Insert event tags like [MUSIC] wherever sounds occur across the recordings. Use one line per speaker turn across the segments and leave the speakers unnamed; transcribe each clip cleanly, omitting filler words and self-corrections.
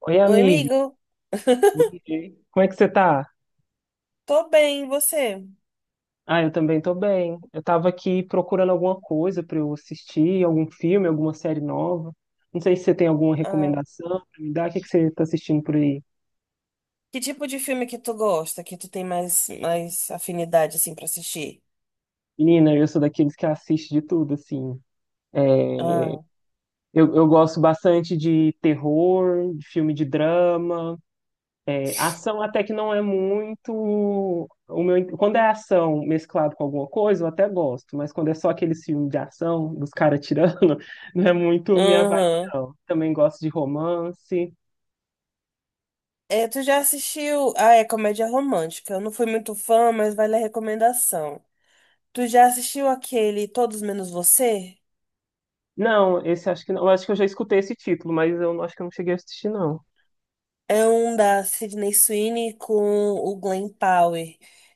Oi,
Oi,
amiga.
amigo. [LAUGHS]
Oi. Como é que você tá?
Tô bem, e você?
Ah, eu também tô bem. Eu tava aqui procurando alguma coisa pra eu assistir, algum filme, alguma série nova. Não sei se você tem alguma
Ah,
recomendação pra me dar. O que que você tá assistindo por aí?
que tipo de filme que tu gosta, que tu tem mais afinidade, assim, pra assistir?
Menina, eu sou daqueles que assiste de tudo, assim.
Ah,
Eu gosto bastante de terror, de filme de drama. Ação até que não é muito o meu. Quando é ação mesclado com alguma coisa, eu até gosto, mas quando é só aqueles filmes de ação, dos caras tirando, [LAUGHS] não é muito minha vibe,
uhum.
não. Também gosto de romance.
É, tu já assistiu... Ah, é comédia romântica. Eu não fui muito fã, mas vale a recomendação. Tu já assistiu aquele Todos Menos Você?
Não, esse acho que não. Eu acho que eu já escutei esse título, mas eu acho que eu não cheguei a assistir, não.
É um da Sydney Sweeney com o Glenn Powell,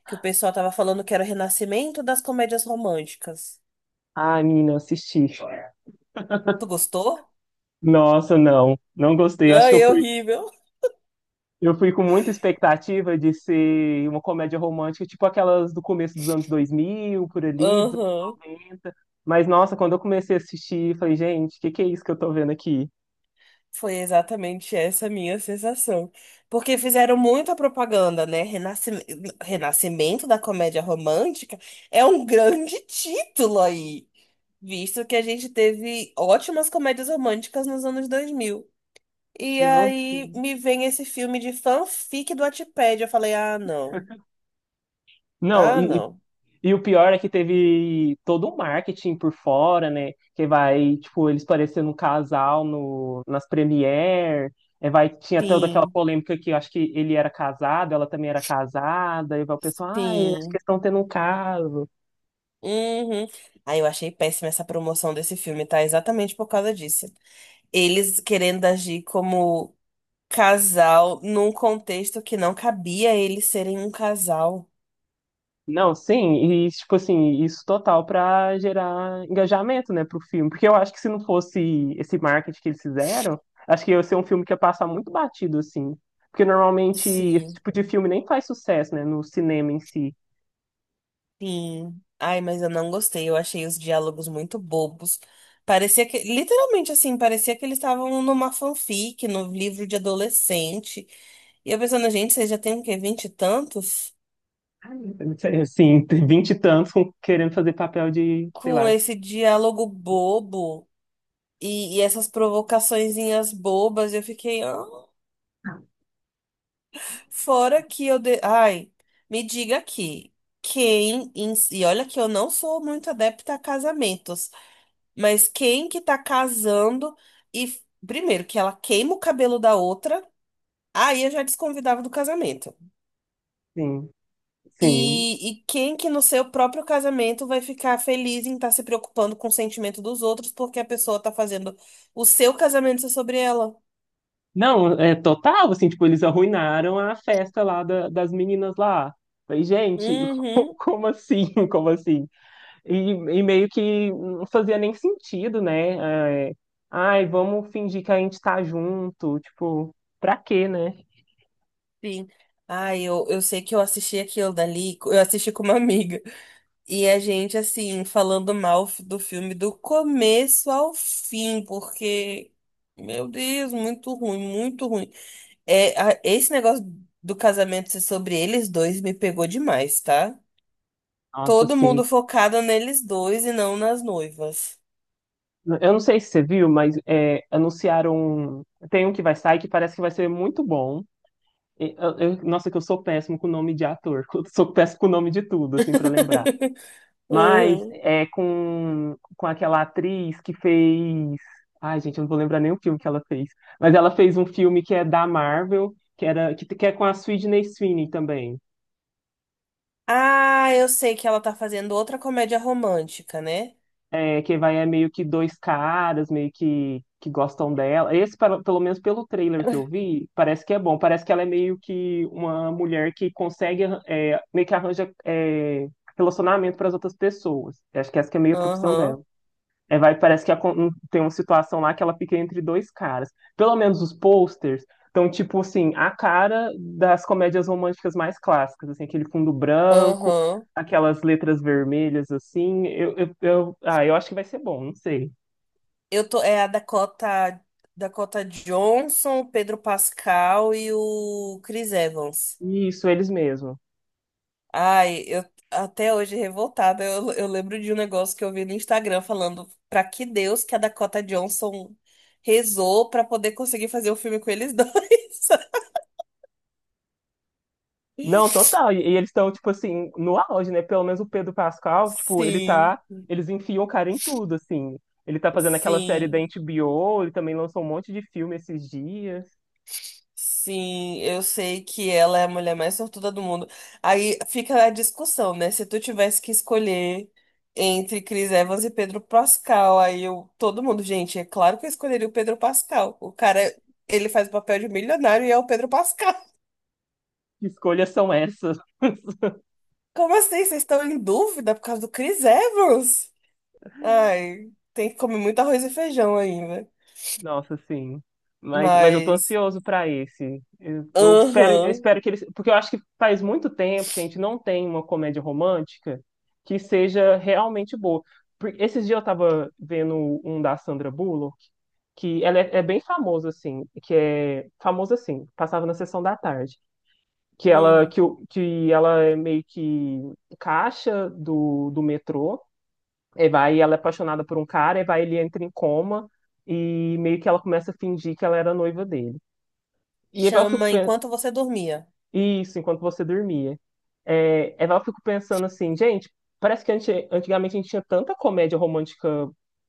que o pessoal tava falando que era o renascimento das comédias românticas.
Ah, menina, assisti.
Tu gostou?
Nossa, não. Não gostei. Eu acho que
Ai,
eu
é
fui.
horrível.
Eu fui com muita expectativa de ser uma comédia romântica, tipo aquelas do começo dos anos 2000, por ali, dos anos
Aham.
90. Mas, nossa, quando eu comecei a assistir, falei, gente, o que que é isso que eu tô vendo aqui?
Foi exatamente essa a minha sensação. Porque fizeram muita propaganda, né? Renascimento, renascimento da comédia romântica é um grande [LAUGHS] título aí, visto que a gente teve ótimas comédias românticas nos anos 2000. E
Não,
aí
sim.
me vem esse filme de fanfic do Wattpad. Eu falei, ah, não.
Não,
Ah,
e, e
não.
e o pior é que teve todo um marketing por fora, né? Que vai, tipo, eles parecendo um casal no, nas premiere. É, vai, tinha toda aquela
Sim,
polêmica que eu acho que ele era casado, ela também era casada, e vai o pessoal, ai, acho que
sim.
eles estão tendo um caso.
Uhum. Aí eu achei péssima essa promoção desse filme, tá? Exatamente por causa disso eles querendo agir como casal num contexto que não cabia eles serem um casal.
Não, sim, e tipo assim, isso total pra gerar engajamento, né, pro filme. Porque eu acho que se não fosse esse marketing que eles fizeram, acho que ia ser um filme que ia passar muito batido, assim. Porque normalmente esse
Sim.
tipo de filme nem faz sucesso, né, no cinema em si.
Sim. Ai, mas eu não gostei. Eu achei os diálogos muito bobos. Parecia que, literalmente assim, parecia que eles estavam numa fanfic, no livro de adolescente. E eu pensando, gente, vocês já têm o quê? Vinte e tantos?
Assim, tem vinte e tantos querendo fazer papel de, sei
Com
lá,
esse diálogo bobo e, essas provocaçõezinhas bobas, eu fiquei. "Ah, fora que eu ai, me diga aqui, quem, si, e olha que eu não sou muito adepta a casamentos, mas quem que tá casando e primeiro que ela queima o cabelo da outra, aí eu já desconvidava do casamento.
sim, sim.
e quem que no seu próprio casamento vai ficar feliz em estar se preocupando com o sentimento dos outros porque a pessoa tá fazendo o seu casamento ser sobre ela?
Não, é total, assim, tipo, eles arruinaram a festa lá das meninas lá. Falei, gente, [LAUGHS]
Uhum,
como assim? Como assim? E meio que não fazia nem sentido, né? É, ai, vamos fingir que a gente tá junto. Tipo, pra quê, né?
sim. Ai, eu sei que eu assisti aquilo dali, eu assisti com uma amiga. E a gente, assim, falando mal do filme do começo ao fim, porque, meu Deus, muito ruim, muito ruim. É, esse negócio do casamento ser sobre eles dois me pegou demais, tá?
Nossa,
Todo
assim.
mundo focado neles dois e não nas noivas.
Eu não sei se você viu, mas é, anunciaram. Tem um que vai sair que parece que vai ser muito bom. E, nossa, que eu sou péssimo com o nome de ator. [LAUGHS] Eu sou péssimo com o nome de tudo, assim, pra lembrar.
[LAUGHS]
Mas
Uhum.
é com aquela atriz que fez. Ai, gente, eu não vou lembrar nem o filme que ela fez. Mas ela fez um filme que é da Marvel, que é com a Sydney Sweeney também.
Ah, eu sei que ela tá fazendo outra comédia romântica, né?
É, que vai é meio que dois caras, meio que gostam dela. Esse, pelo menos pelo trailer que eu vi, parece que é bom. Parece que ela é meio que uma mulher que consegue, é, meio que arranja, é, relacionamento para as outras pessoas. Eu acho que essa que é meio a profissão dela.
Aham,
É, vai, parece que tem uma situação lá que ela fica entre dois caras. Pelo menos os posters estão, tipo assim, a cara das comédias românticas mais clássicas, assim, aquele fundo branco,
aham.
aquelas letras vermelhas, assim. Eu, ah, eu acho que vai ser bom, não sei.
Eu tô, Dakota Johnson, o Pedro Pascal e o Chris Evans.
Isso, eles mesmo.
Ai, eu até hoje revoltada, eu lembro de um negócio que eu vi no Instagram falando pra que Deus que a Dakota Johnson rezou pra poder conseguir fazer o filme com eles dois.
Não, total. E,
[LAUGHS]
e eles estão, tipo assim, no auge, né? Pelo menos o Pedro Pascal, tipo, ele
Sim,
tá. Eles enfiam o cara em tudo, assim. Ele tá fazendo aquela série da
sim.
HBO, ele também lançou um monte de filme esses dias.
Sim, eu sei que ela é a mulher mais sortuda do mundo. Aí fica a discussão, né? Se tu tivesse que escolher entre Chris Evans e Pedro Pascal, aí eu, todo mundo, gente, é claro que eu escolheria o Pedro Pascal. O cara, ele faz o papel de milionário e é o Pedro Pascal. [LAUGHS]
Que escolhas são essas? [LAUGHS]
Como assim? Vocês estão em dúvida por causa do Chris Evans? Ai, tem que comer muito arroz e feijão ainda.
Nossa, sim. Mas eu tô
Mas,
ansioso para esse. Eu, eu espero, eu
aham,
espero que eles, porque eu acho que faz muito tempo que a gente não tem uma comédia romântica que seja realmente boa. Esses dias eu tava vendo um da Sandra Bullock, que ela é bem famosa assim, que é famosa assim, passava na sessão da tarde, que ela
uhum.
que, que ela é meio que caixa do, do metrô. Eva, aí ela é apaixonada por um cara, Eva, ele entra em coma e meio que ela começa a fingir que ela era noiva dele. E Eva, eu fico
Chama
pensando,
Enquanto Você Dormia.
isso, Enquanto Você Dormia. É, Eva, eu fico pensando assim, gente, parece que antigamente a gente tinha tanta comédia romântica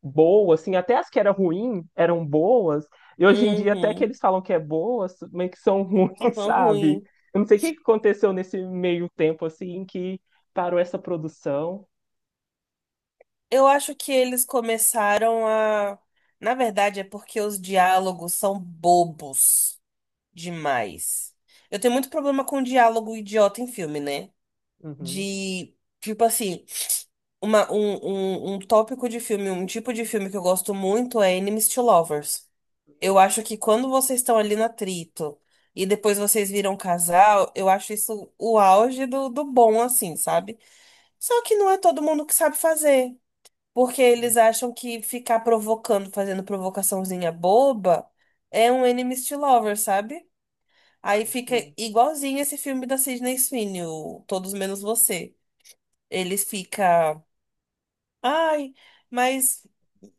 boa, assim, até as que eram ruins eram boas, e hoje em dia até que
Uhum,
eles falam que é boas, mas que são [LAUGHS] ruins,
tão
sabe?
ruim.
Eu não sei o que que aconteceu nesse meio tempo, assim, que parou essa produção.
Eu acho que eles começaram a. Na verdade, é porque os diálogos são bobos demais. Eu tenho muito problema com diálogo idiota em filme, né?
Uhum.
De, tipo assim, um tópico de filme, um tipo de filme que eu gosto muito é Enemies to Lovers. Eu acho que quando vocês estão ali no atrito e depois vocês viram um casal, eu acho isso o auge do bom, assim, sabe? Só que não é todo mundo que sabe fazer. Porque eles
Uhum.
acham que ficar provocando, fazendo provocaçãozinha boba, é um enemies to lovers, sabe? Aí
Ai,
fica
sim.
igualzinho esse filme da Sydney Sweeney, o Todos Menos Você. Ele fica, ai, mas,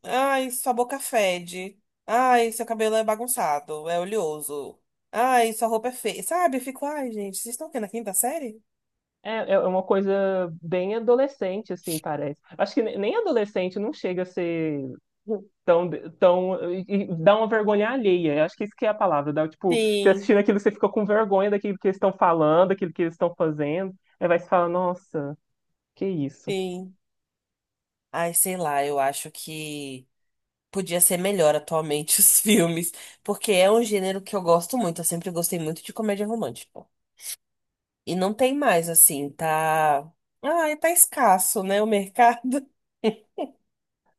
ai, sua boca fede. Ai, seu cabelo é bagunçado, é oleoso. Ai, sua roupa é feia. Sabe? Eu fico, ai, gente, vocês estão aqui na quinta série?
É uma coisa bem adolescente, assim, parece. Acho que nem adolescente não chega a ser
[LAUGHS]
tão, tão, e dá uma vergonha alheia. Eu acho que isso que é a palavra. Dá, tipo, você
Sim,
assistindo aquilo, você fica com vergonha daquilo que eles estão falando, daquilo que eles estão fazendo. Aí vai se falar, nossa, que isso.
sim. Ai, sei lá, eu acho que podia ser melhor atualmente os [LAUGHS] filmes, porque é um gênero que eu gosto muito, eu sempre gostei muito de comédia romântica. E não tem mais assim, tá. Ah, tá escasso, né, o mercado. [LAUGHS]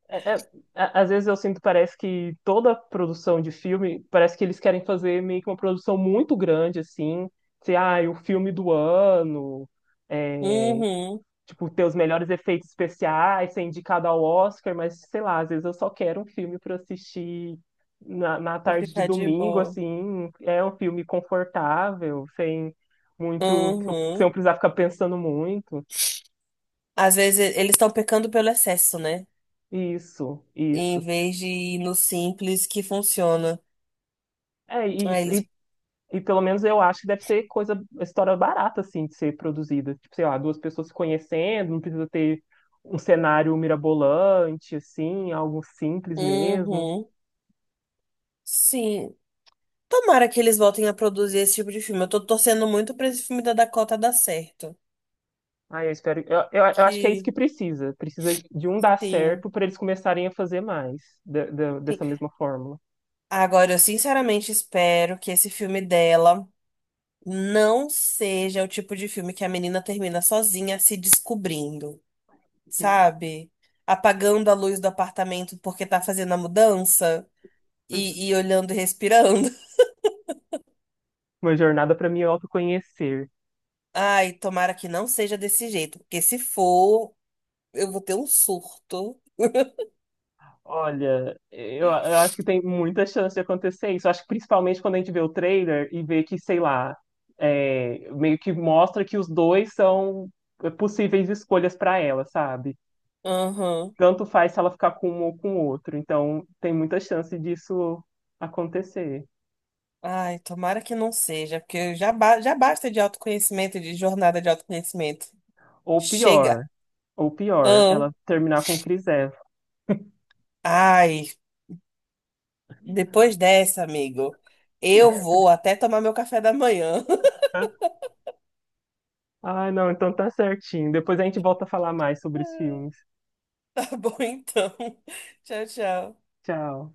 É- é- às vezes eu sinto, parece que toda produção de filme, parece que eles querem fazer meio que uma produção muito grande, assim. Sei, ah, o filme do ano é,
Uhum.
tipo, ter os melhores efeitos especiais, ser indicado ao Oscar, mas sei lá, às vezes eu só quero um filme para assistir na
E
tarde de
ficar de
domingo,
boa.
assim, é um filme confortável, sem muito, que sem eu
Uhum.
precisar ficar pensando muito.
Às vezes eles estão pecando pelo excesso, né?
Isso,
Em
isso.
vez de ir no simples que funciona.
É, e,
Aí eles.
e, e pelo menos eu acho que deve ser coisa, história barata, assim, de ser produzida. Tipo, sei lá, duas pessoas se conhecendo, não precisa ter um cenário mirabolante, assim, algo simples mesmo.
Uhum. Sim. Tomara que eles voltem a produzir esse tipo de filme. Eu tô torcendo muito pra esse filme da Dakota dar certo.
Ah, eu espero. Eu acho que é isso
Que
que precisa. Precisa de um dar
sim,
certo para eles começarem a fazer mais
sim.
dessa mesma fórmula.
Agora, eu sinceramente espero que esse filme dela não seja o tipo de filme que a menina termina sozinha se descobrindo, sabe? Apagando a luz do apartamento porque tá fazendo a mudança e,
[LAUGHS]
olhando e respirando.
Uma jornada para me autoconhecer.
[LAUGHS] Ai, tomara que não seja desse jeito, porque se for, eu vou ter um surto. [LAUGHS]
Olha, eu acho que tem muita chance de acontecer isso. Eu acho que principalmente quando a gente vê o trailer e vê que, sei lá, é, meio que mostra que os dois são possíveis escolhas para ela, sabe?
Aham.
Tanto faz se ela ficar com um ou com o outro. Então, tem muita chance disso acontecer.
Ai, tomara que não seja, porque já, já basta de autoconhecimento, de jornada de autoconhecimento.
Ou
Chega.
pior, ou pior,
Ahn.
ela terminar com Chris Evans.
Ai, depois dessa, amigo, eu vou até tomar meu café da manhã.
[LAUGHS] Ah, não, então tá certinho. Depois a gente volta a falar mais sobre os
[LAUGHS]
filmes.
Tá bom, então. [LAUGHS] Tchau, tchau.
Tchau.